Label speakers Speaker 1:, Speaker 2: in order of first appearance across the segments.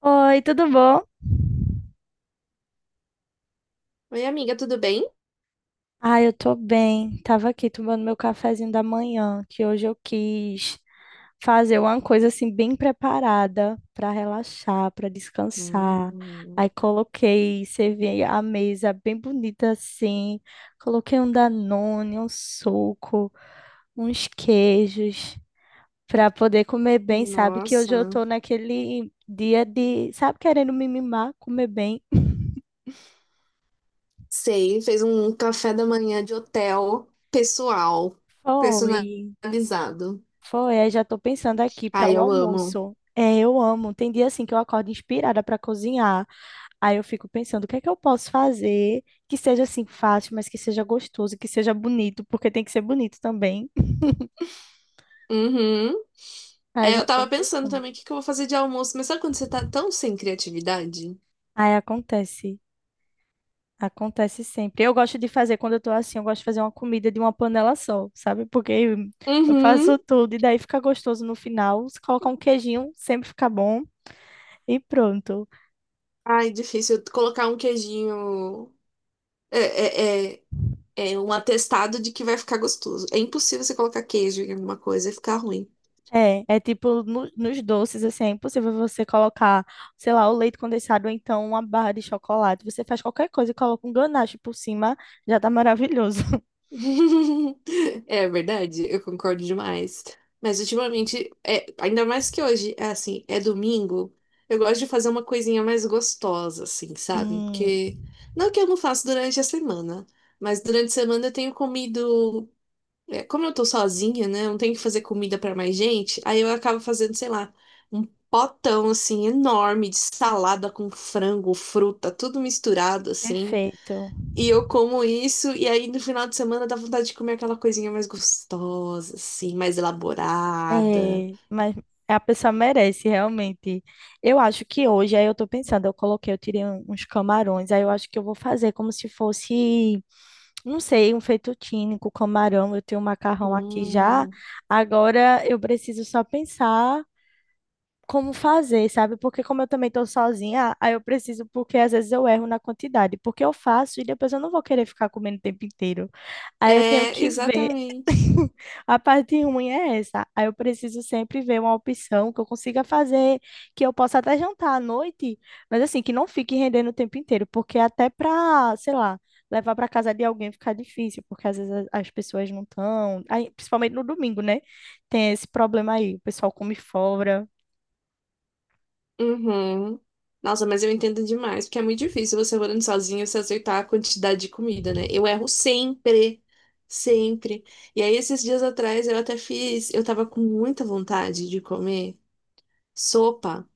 Speaker 1: Oi, tudo bom?
Speaker 2: Oi, amiga, tudo bem?
Speaker 1: Ah, eu tô bem. Tava aqui tomando meu cafezinho da manhã, que hoje eu quis fazer uma coisa assim bem preparada pra relaxar, pra descansar.
Speaker 2: Hum,
Speaker 1: Aí coloquei, servi a mesa bem bonita assim. Coloquei um Danone, um suco, uns queijos pra poder comer bem, sabe? Que
Speaker 2: nossa,
Speaker 1: hoje eu tô naquele dia de, sabe, querendo me mimar, comer bem.
Speaker 2: sei, fez um café da manhã de hotel pessoal,
Speaker 1: Foi.
Speaker 2: personalizado.
Speaker 1: Foi, aí já tô pensando aqui para
Speaker 2: Ai,
Speaker 1: o
Speaker 2: eu amo.
Speaker 1: almoço. É, eu amo. Tem dia assim que eu acordo inspirada para cozinhar. Aí eu fico pensando, o que é que eu posso fazer que seja assim fácil, mas que seja gostoso, que seja bonito, porque tem que ser bonito também.
Speaker 2: Uhum.
Speaker 1: Aí
Speaker 2: É,
Speaker 1: já
Speaker 2: eu
Speaker 1: tô
Speaker 2: tava pensando
Speaker 1: pensando.
Speaker 2: também o que que eu vou fazer de almoço, mas sabe quando você tá tão sem criatividade?
Speaker 1: Aí acontece. Acontece sempre. Eu gosto de fazer quando eu tô assim, eu gosto de fazer uma comida de uma panela só, sabe? Porque eu
Speaker 2: Uhum.
Speaker 1: faço tudo e daí fica gostoso no final. Se colocar um queijinho, sempre fica bom e pronto.
Speaker 2: Ai, difícil colocar um queijinho. É, é, é, é um atestado de que vai ficar gostoso. É impossível você colocar queijo em alguma coisa e ficar ruim.
Speaker 1: É, é tipo nos doces, assim, é impossível você colocar, sei lá, o leite condensado ou então uma barra de chocolate. Você faz qualquer coisa e coloca um ganache por cima, já tá maravilhoso.
Speaker 2: É verdade, eu concordo demais. Mas ultimamente, é, ainda mais que hoje, é assim, é domingo, eu gosto de fazer uma coisinha mais gostosa, assim, sabe?
Speaker 1: Sim,
Speaker 2: Porque não que eu não faço durante a semana, mas durante a semana eu tenho comido. É, como eu tô sozinha, né? Eu não tenho que fazer comida pra mais gente, aí eu acabo fazendo, sei lá, um potão, assim, enorme de salada com frango, fruta, tudo misturado, assim.
Speaker 1: perfeito.
Speaker 2: E eu como isso, e aí no final de semana dá vontade de comer aquela coisinha mais gostosa, assim, mais elaborada.
Speaker 1: É, mas a pessoa merece, realmente. Eu acho que hoje, aí eu tô pensando, eu coloquei, eu tirei uns camarões, aí eu acho que eu vou fazer como se fosse, não sei, um fettuccine com camarão. Eu tenho um macarrão aqui já.
Speaker 2: Hum.
Speaker 1: Agora eu preciso só pensar. Como fazer, sabe? Porque como eu também tô sozinha, aí eu preciso, porque às vezes eu erro na quantidade, porque eu faço e depois eu não vou querer ficar comendo o tempo inteiro. Aí eu tenho
Speaker 2: É,
Speaker 1: que ver.
Speaker 2: exatamente.
Speaker 1: A parte ruim é essa. Aí eu preciso sempre ver uma opção que eu consiga fazer, que eu possa até jantar à noite, mas assim, que não fique rendendo o tempo inteiro, porque até pra, sei lá, levar pra casa de alguém fica difícil, porque às vezes as pessoas não estão, principalmente no domingo, né? Tem esse problema aí, o pessoal come fora.
Speaker 2: Uhum. Nossa, mas eu entendo demais, porque é muito difícil você morando sozinho se acertar a quantidade de comida, né? Eu erro sempre, sempre. E aí, esses dias atrás, eu até fiz, eu tava com muita vontade de comer sopa,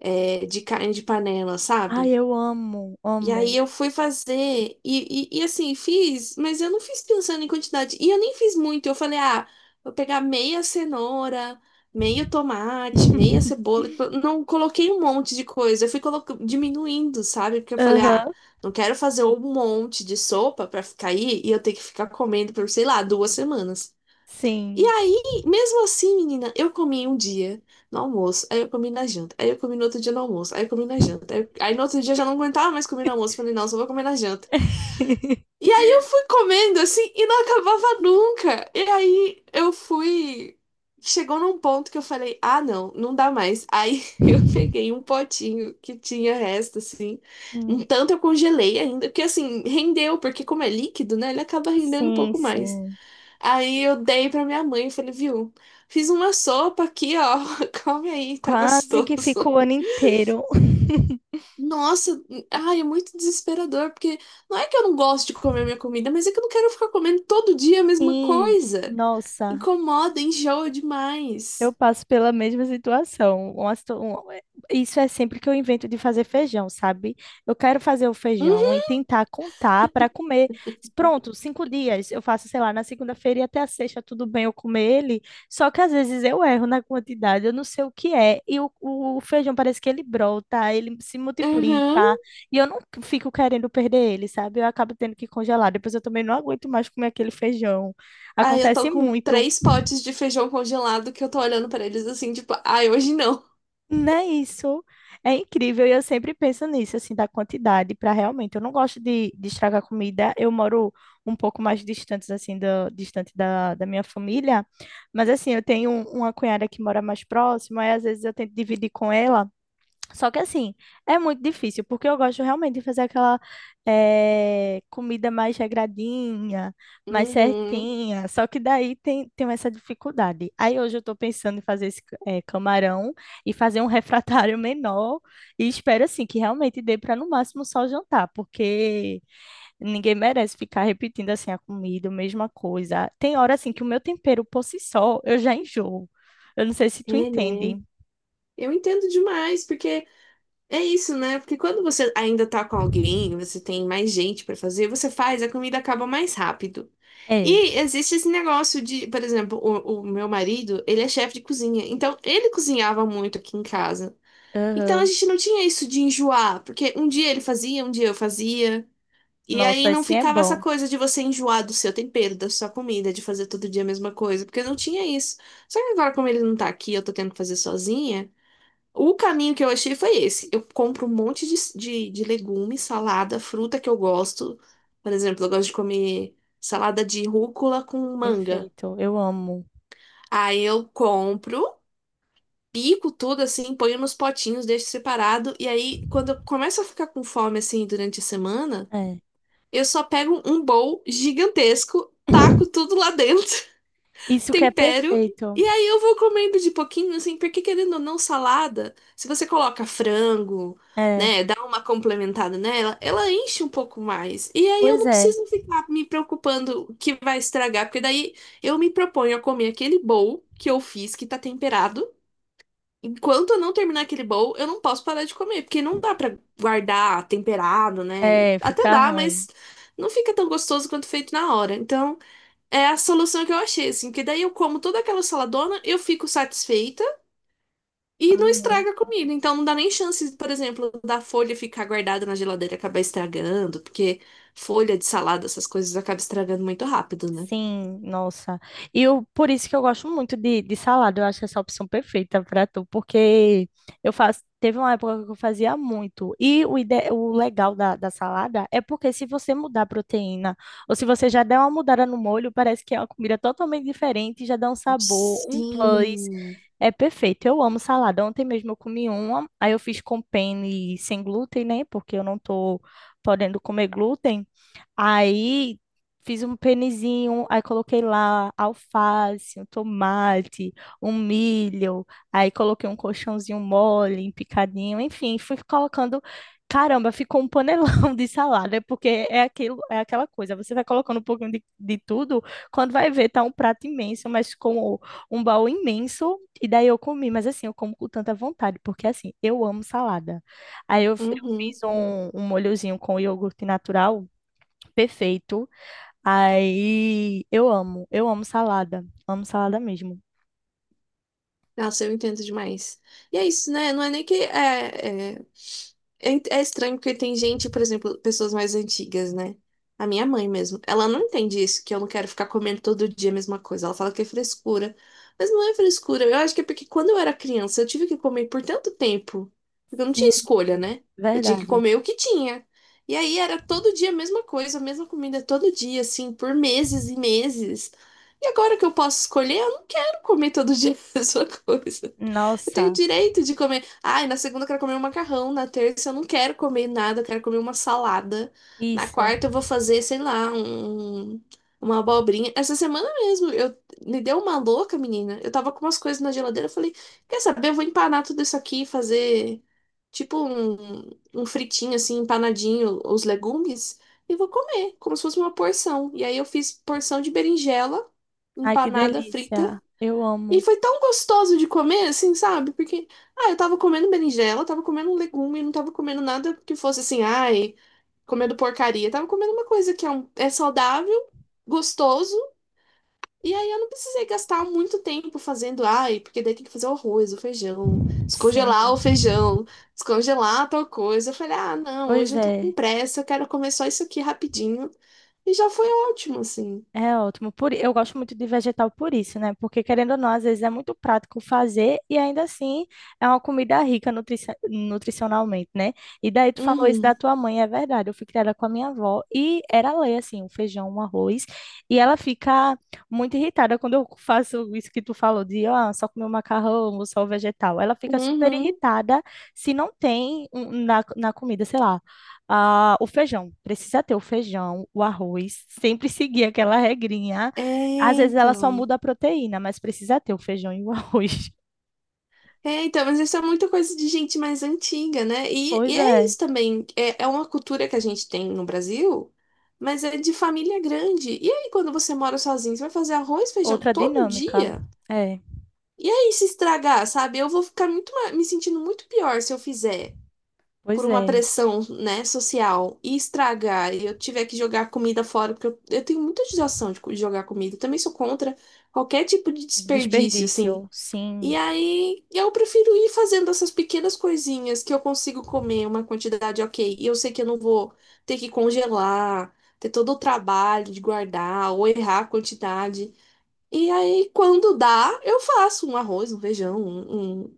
Speaker 2: é, de carne de panela,
Speaker 1: Ai,
Speaker 2: sabe?
Speaker 1: eu amo,
Speaker 2: E aí
Speaker 1: amo.
Speaker 2: eu fui fazer, e assim, fiz, mas eu não fiz pensando em quantidade. E eu nem fiz muito. Eu falei, ah, vou pegar meia cenoura, meio tomate, meia cebola. Tipo, eu não coloquei um monte de coisa. Eu fui colocando diminuindo, sabe? Porque eu falei, ah,
Speaker 1: Aham.
Speaker 2: não quero fazer um monte de sopa pra ficar aí e eu ter que ficar comendo por, sei lá, duas semanas. E
Speaker 1: Sim.
Speaker 2: aí, mesmo assim, menina, eu comi um dia no almoço, aí eu comi na janta, aí eu comi no outro dia no almoço, aí eu comi na janta. Aí no outro dia eu já não aguentava mais comer no almoço, falei, não, só vou comer na janta. E aí eu fui comendo assim e não acabava nunca. E aí eu fui. Chegou num ponto que eu falei, ah, não, não dá mais. Aí eu peguei um potinho que tinha resto, assim. Um
Speaker 1: Hum.
Speaker 2: tanto eu congelei ainda, porque assim, rendeu, porque como é líquido, né, ele acaba rendendo um
Speaker 1: Sim,
Speaker 2: pouco mais.
Speaker 1: sim.
Speaker 2: Aí eu dei pra minha mãe e falei, viu, fiz uma sopa aqui, ó, come aí, tá
Speaker 1: Quase que fico
Speaker 2: gostoso.
Speaker 1: o ano inteiro.
Speaker 2: Nossa, ai, é muito desesperador, porque não é que eu não gosto de comer minha comida, mas é que eu não quero ficar comendo todo dia a mesma
Speaker 1: Sim,
Speaker 2: coisa.
Speaker 1: nossa.
Speaker 2: Incomoda, enjoa
Speaker 1: Eu
Speaker 2: demais.
Speaker 1: passo pela mesma situação. Uma situa- um- é- Isso é sempre que eu invento de fazer feijão, sabe? Eu quero fazer o feijão e
Speaker 2: Uhum,
Speaker 1: tentar contar para comer. Pronto, 5 dias. Eu faço, sei lá, na segunda-feira e até a sexta, tudo bem eu comer ele. Só que às vezes eu erro na quantidade, eu não sei o que é. E o feijão parece que ele brota, ele se
Speaker 2: uhum.
Speaker 1: multiplica. E eu não fico querendo perder ele, sabe? Eu acabo tendo que congelar. Depois eu também não aguento mais comer aquele feijão.
Speaker 2: Aí eu tô
Speaker 1: Acontece
Speaker 2: com
Speaker 1: muito.
Speaker 2: três potes de feijão congelado que eu tô olhando pra eles assim, tipo, ai, hoje não.
Speaker 1: Não é isso. É incrível e eu sempre penso nisso, assim, da quantidade para realmente. Eu não gosto de estragar comida. Eu moro um pouco mais distante, assim, distante da minha família. Mas, assim, eu tenho uma cunhada que mora mais próxima e às vezes eu tento dividir com ela. Só que assim, é muito difícil, porque eu gosto realmente de fazer aquela comida mais regradinha, mais
Speaker 2: Uhum.
Speaker 1: certinha. Só que daí tem, tem essa dificuldade. Aí hoje eu tô pensando em fazer esse camarão e fazer um refratário menor. E espero assim que realmente dê para no máximo só jantar, porque ninguém merece ficar repetindo assim a comida, a mesma coisa. Tem hora assim que o meu tempero por si só eu já enjoo. Eu não sei se tu
Speaker 2: É, né?
Speaker 1: entende.
Speaker 2: Eu entendo demais, porque é isso, né? Porque quando você ainda tá com alguém, você tem mais gente pra fazer, você faz, a comida acaba mais rápido.
Speaker 1: É.
Speaker 2: E existe esse negócio de, por exemplo, o meu marido, ele é chefe de cozinha, então ele cozinhava muito aqui em casa. Então a
Speaker 1: Aham.
Speaker 2: gente não tinha isso de enjoar, porque um dia ele fazia, um dia eu fazia. E aí
Speaker 1: Nossa,
Speaker 2: não
Speaker 1: assim é
Speaker 2: ficava essa
Speaker 1: bom.
Speaker 2: coisa de você enjoar do seu tempero, da sua comida, de fazer todo dia a mesma coisa, porque não tinha isso. Só que agora, como ele não tá aqui, eu tô tendo que fazer sozinha. O caminho que eu achei foi esse. Eu compro um monte de, de legume, salada, fruta que eu gosto. Por exemplo, eu gosto de comer salada de rúcula com manga.
Speaker 1: Perfeito. Eu amo.
Speaker 2: Aí eu compro, pico tudo assim, ponho nos potinhos, deixo separado. E aí, quando eu começo a ficar com fome assim durante a semana,
Speaker 1: É.
Speaker 2: eu só pego um bowl gigantesco, taco tudo lá dentro
Speaker 1: Isso que é
Speaker 2: tempero.
Speaker 1: perfeito.
Speaker 2: E aí eu vou comendo de pouquinho, assim, porque querendo ou não, salada, se você coloca frango,
Speaker 1: É.
Speaker 2: né, dá uma complementada nela, ela enche um pouco mais. E aí eu
Speaker 1: Pois
Speaker 2: não
Speaker 1: é.
Speaker 2: preciso ficar me preocupando que vai estragar, porque daí eu me proponho a comer aquele bowl que eu fiz, que tá temperado. Enquanto eu não terminar aquele bowl, eu não posso parar de comer, porque não dá pra guardar temperado, né?
Speaker 1: É,
Speaker 2: Até
Speaker 1: fica
Speaker 2: dá,
Speaker 1: ruim.
Speaker 2: mas não fica tão gostoso quanto feito na hora. Então, é a solução que eu achei, assim, que daí eu como toda aquela saladona, eu fico satisfeita e não estraga a comida. Então não dá nem chance, por exemplo, da folha ficar guardada na geladeira e acabar estragando, porque folha de salada, essas coisas acaba estragando muito rápido, né?
Speaker 1: Sim, nossa. E eu, por isso que eu gosto muito de salada. Eu acho essa opção perfeita para tu, porque eu faço. Teve uma época que eu fazia muito. E o legal da salada é porque se você mudar a proteína, ou se você já der uma mudada no molho, parece que é uma comida totalmente diferente, já dá um sabor, um plus.
Speaker 2: Sim.
Speaker 1: É perfeito. Eu amo salada. Ontem mesmo eu comi uma, aí eu fiz com penne sem glúten, né? Porque eu não tô podendo comer glúten. Aí fiz um penizinho, aí coloquei lá alface, um tomate, um milho, aí coloquei um colchãozinho mole, um picadinho, enfim, fui colocando. Caramba, ficou um panelão de salada, porque é aquilo, é aquela coisa. Você vai colocando um pouquinho de tudo, quando vai ver, tá um prato imenso, mas com um baú imenso. E daí eu comi, mas assim, eu como com tanta vontade, porque assim, eu amo salada. Aí eu
Speaker 2: Uhum.
Speaker 1: fiz um molhozinho com iogurte natural perfeito. Aí eu amo salada mesmo.
Speaker 2: Nossa, eu entendo demais. E é isso, né? Não é nem que é estranho porque tem gente, por exemplo, pessoas mais antigas, né? A minha mãe mesmo. Ela não entende isso, que eu não quero ficar comendo todo dia a mesma coisa. Ela fala que é frescura. Mas não é frescura. Eu acho que é porque quando eu era criança, eu tive que comer por tanto tempo. Porque eu não tinha
Speaker 1: Sim,
Speaker 2: escolha, né? Eu tinha que
Speaker 1: verdade.
Speaker 2: comer o que tinha. E aí era todo dia a mesma coisa, a mesma comida todo dia, assim, por meses e meses. E agora que eu posso escolher, quero comer todo dia a mesma coisa. Eu tenho
Speaker 1: Nossa,
Speaker 2: direito de comer. Ai, na segunda eu quero comer um macarrão, na terça eu não quero comer nada, eu quero comer uma salada. Na
Speaker 1: isso.
Speaker 2: quarta eu vou fazer, sei lá, uma abobrinha. Essa semana mesmo, eu me deu uma louca, menina. Eu tava com umas coisas na geladeira, eu falei, quer saber? Eu vou empanar tudo isso aqui e fazer tipo um fritinho assim, empanadinho, os legumes, e vou comer, como se fosse uma porção. E aí eu fiz porção de berinjela
Speaker 1: Ai, que
Speaker 2: empanada frita
Speaker 1: delícia. Eu
Speaker 2: e
Speaker 1: amo.
Speaker 2: foi tão gostoso de comer, assim, sabe? Porque, ah, eu tava comendo berinjela, tava comendo um legume, não tava comendo nada que fosse assim, ai, comendo porcaria. Eu tava comendo uma coisa que é, é saudável, gostoso, e aí eu não precisei gastar muito tempo fazendo, ai, porque daí tem que fazer o arroz,
Speaker 1: Sim,
Speaker 2: o feijão, descongelar tal coisa. Eu falei, ah, não,
Speaker 1: pois
Speaker 2: hoje eu tô com
Speaker 1: é.
Speaker 2: pressa, eu quero comer só isso aqui rapidinho. E já foi ótimo, assim.
Speaker 1: É ótimo. Por, eu gosto muito de vegetal por isso, né? Porque, querendo ou não, às vezes é muito prático fazer e ainda assim é uma comida rica nutrici- nutricionalmente, né? E daí tu falou isso da
Speaker 2: Uhum,
Speaker 1: tua mãe, é verdade. Eu fui criada com a minha avó e era lei, assim, um feijão, um arroz. E ela fica muito irritada quando eu faço isso que tu falou de, ó, só comer o macarrão ou só o vegetal. Ela fica super
Speaker 2: uhum.
Speaker 1: irritada se não tem na comida, sei lá ah, o feijão. Precisa ter o feijão, o arroz, sempre seguir aquela regrinha.
Speaker 2: É,
Speaker 1: Às vezes ela só
Speaker 2: então.
Speaker 1: muda a proteína, mas precisa ter o feijão e o arroz.
Speaker 2: É, então, mas isso é muita coisa de gente mais antiga, né? E
Speaker 1: Pois
Speaker 2: é
Speaker 1: é,
Speaker 2: isso também. É uma cultura que a gente tem no Brasil, mas é de família grande. E aí, quando você mora sozinho, você vai fazer arroz, feijão
Speaker 1: outra
Speaker 2: todo
Speaker 1: dinâmica.
Speaker 2: dia?
Speaker 1: É,
Speaker 2: E aí, se estragar, sabe? Eu vou ficar muito, me sentindo muito pior se eu fizer por
Speaker 1: pois
Speaker 2: uma
Speaker 1: é.
Speaker 2: pressão, né, social e estragar e eu tiver que jogar comida fora, porque eu tenho muita judiação de de jogar comida. Eu também sou contra qualquer tipo de desperdício, assim.
Speaker 1: Desperdício,
Speaker 2: E
Speaker 1: sim.
Speaker 2: aí eu prefiro ir fazendo essas pequenas coisinhas que eu consigo comer uma quantidade ok. E eu sei que eu não vou ter que congelar, ter todo o trabalho de guardar ou errar a quantidade. E aí, quando dá, eu faço um arroz, um feijão, um...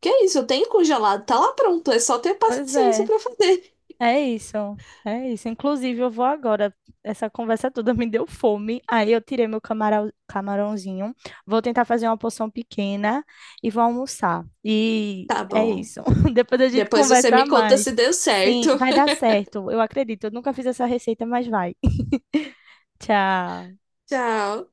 Speaker 2: Que é isso, eu tenho congelado, tá lá pronto, é só ter
Speaker 1: Pois
Speaker 2: paciência
Speaker 1: é.
Speaker 2: pra fazer.
Speaker 1: É isso, é isso. Inclusive, eu vou agora. Essa conversa toda me deu fome. Aí eu tirei meu camarão, camarãozinho. Vou tentar fazer uma porção pequena e vou almoçar. E
Speaker 2: Tá
Speaker 1: é
Speaker 2: bom.
Speaker 1: isso. Depois a gente
Speaker 2: Depois você
Speaker 1: conversa
Speaker 2: me conta
Speaker 1: mais.
Speaker 2: se deu certo.
Speaker 1: Sim, vai dar certo. Eu acredito. Eu nunca fiz essa receita, mas vai. Tchau.
Speaker 2: Tchau.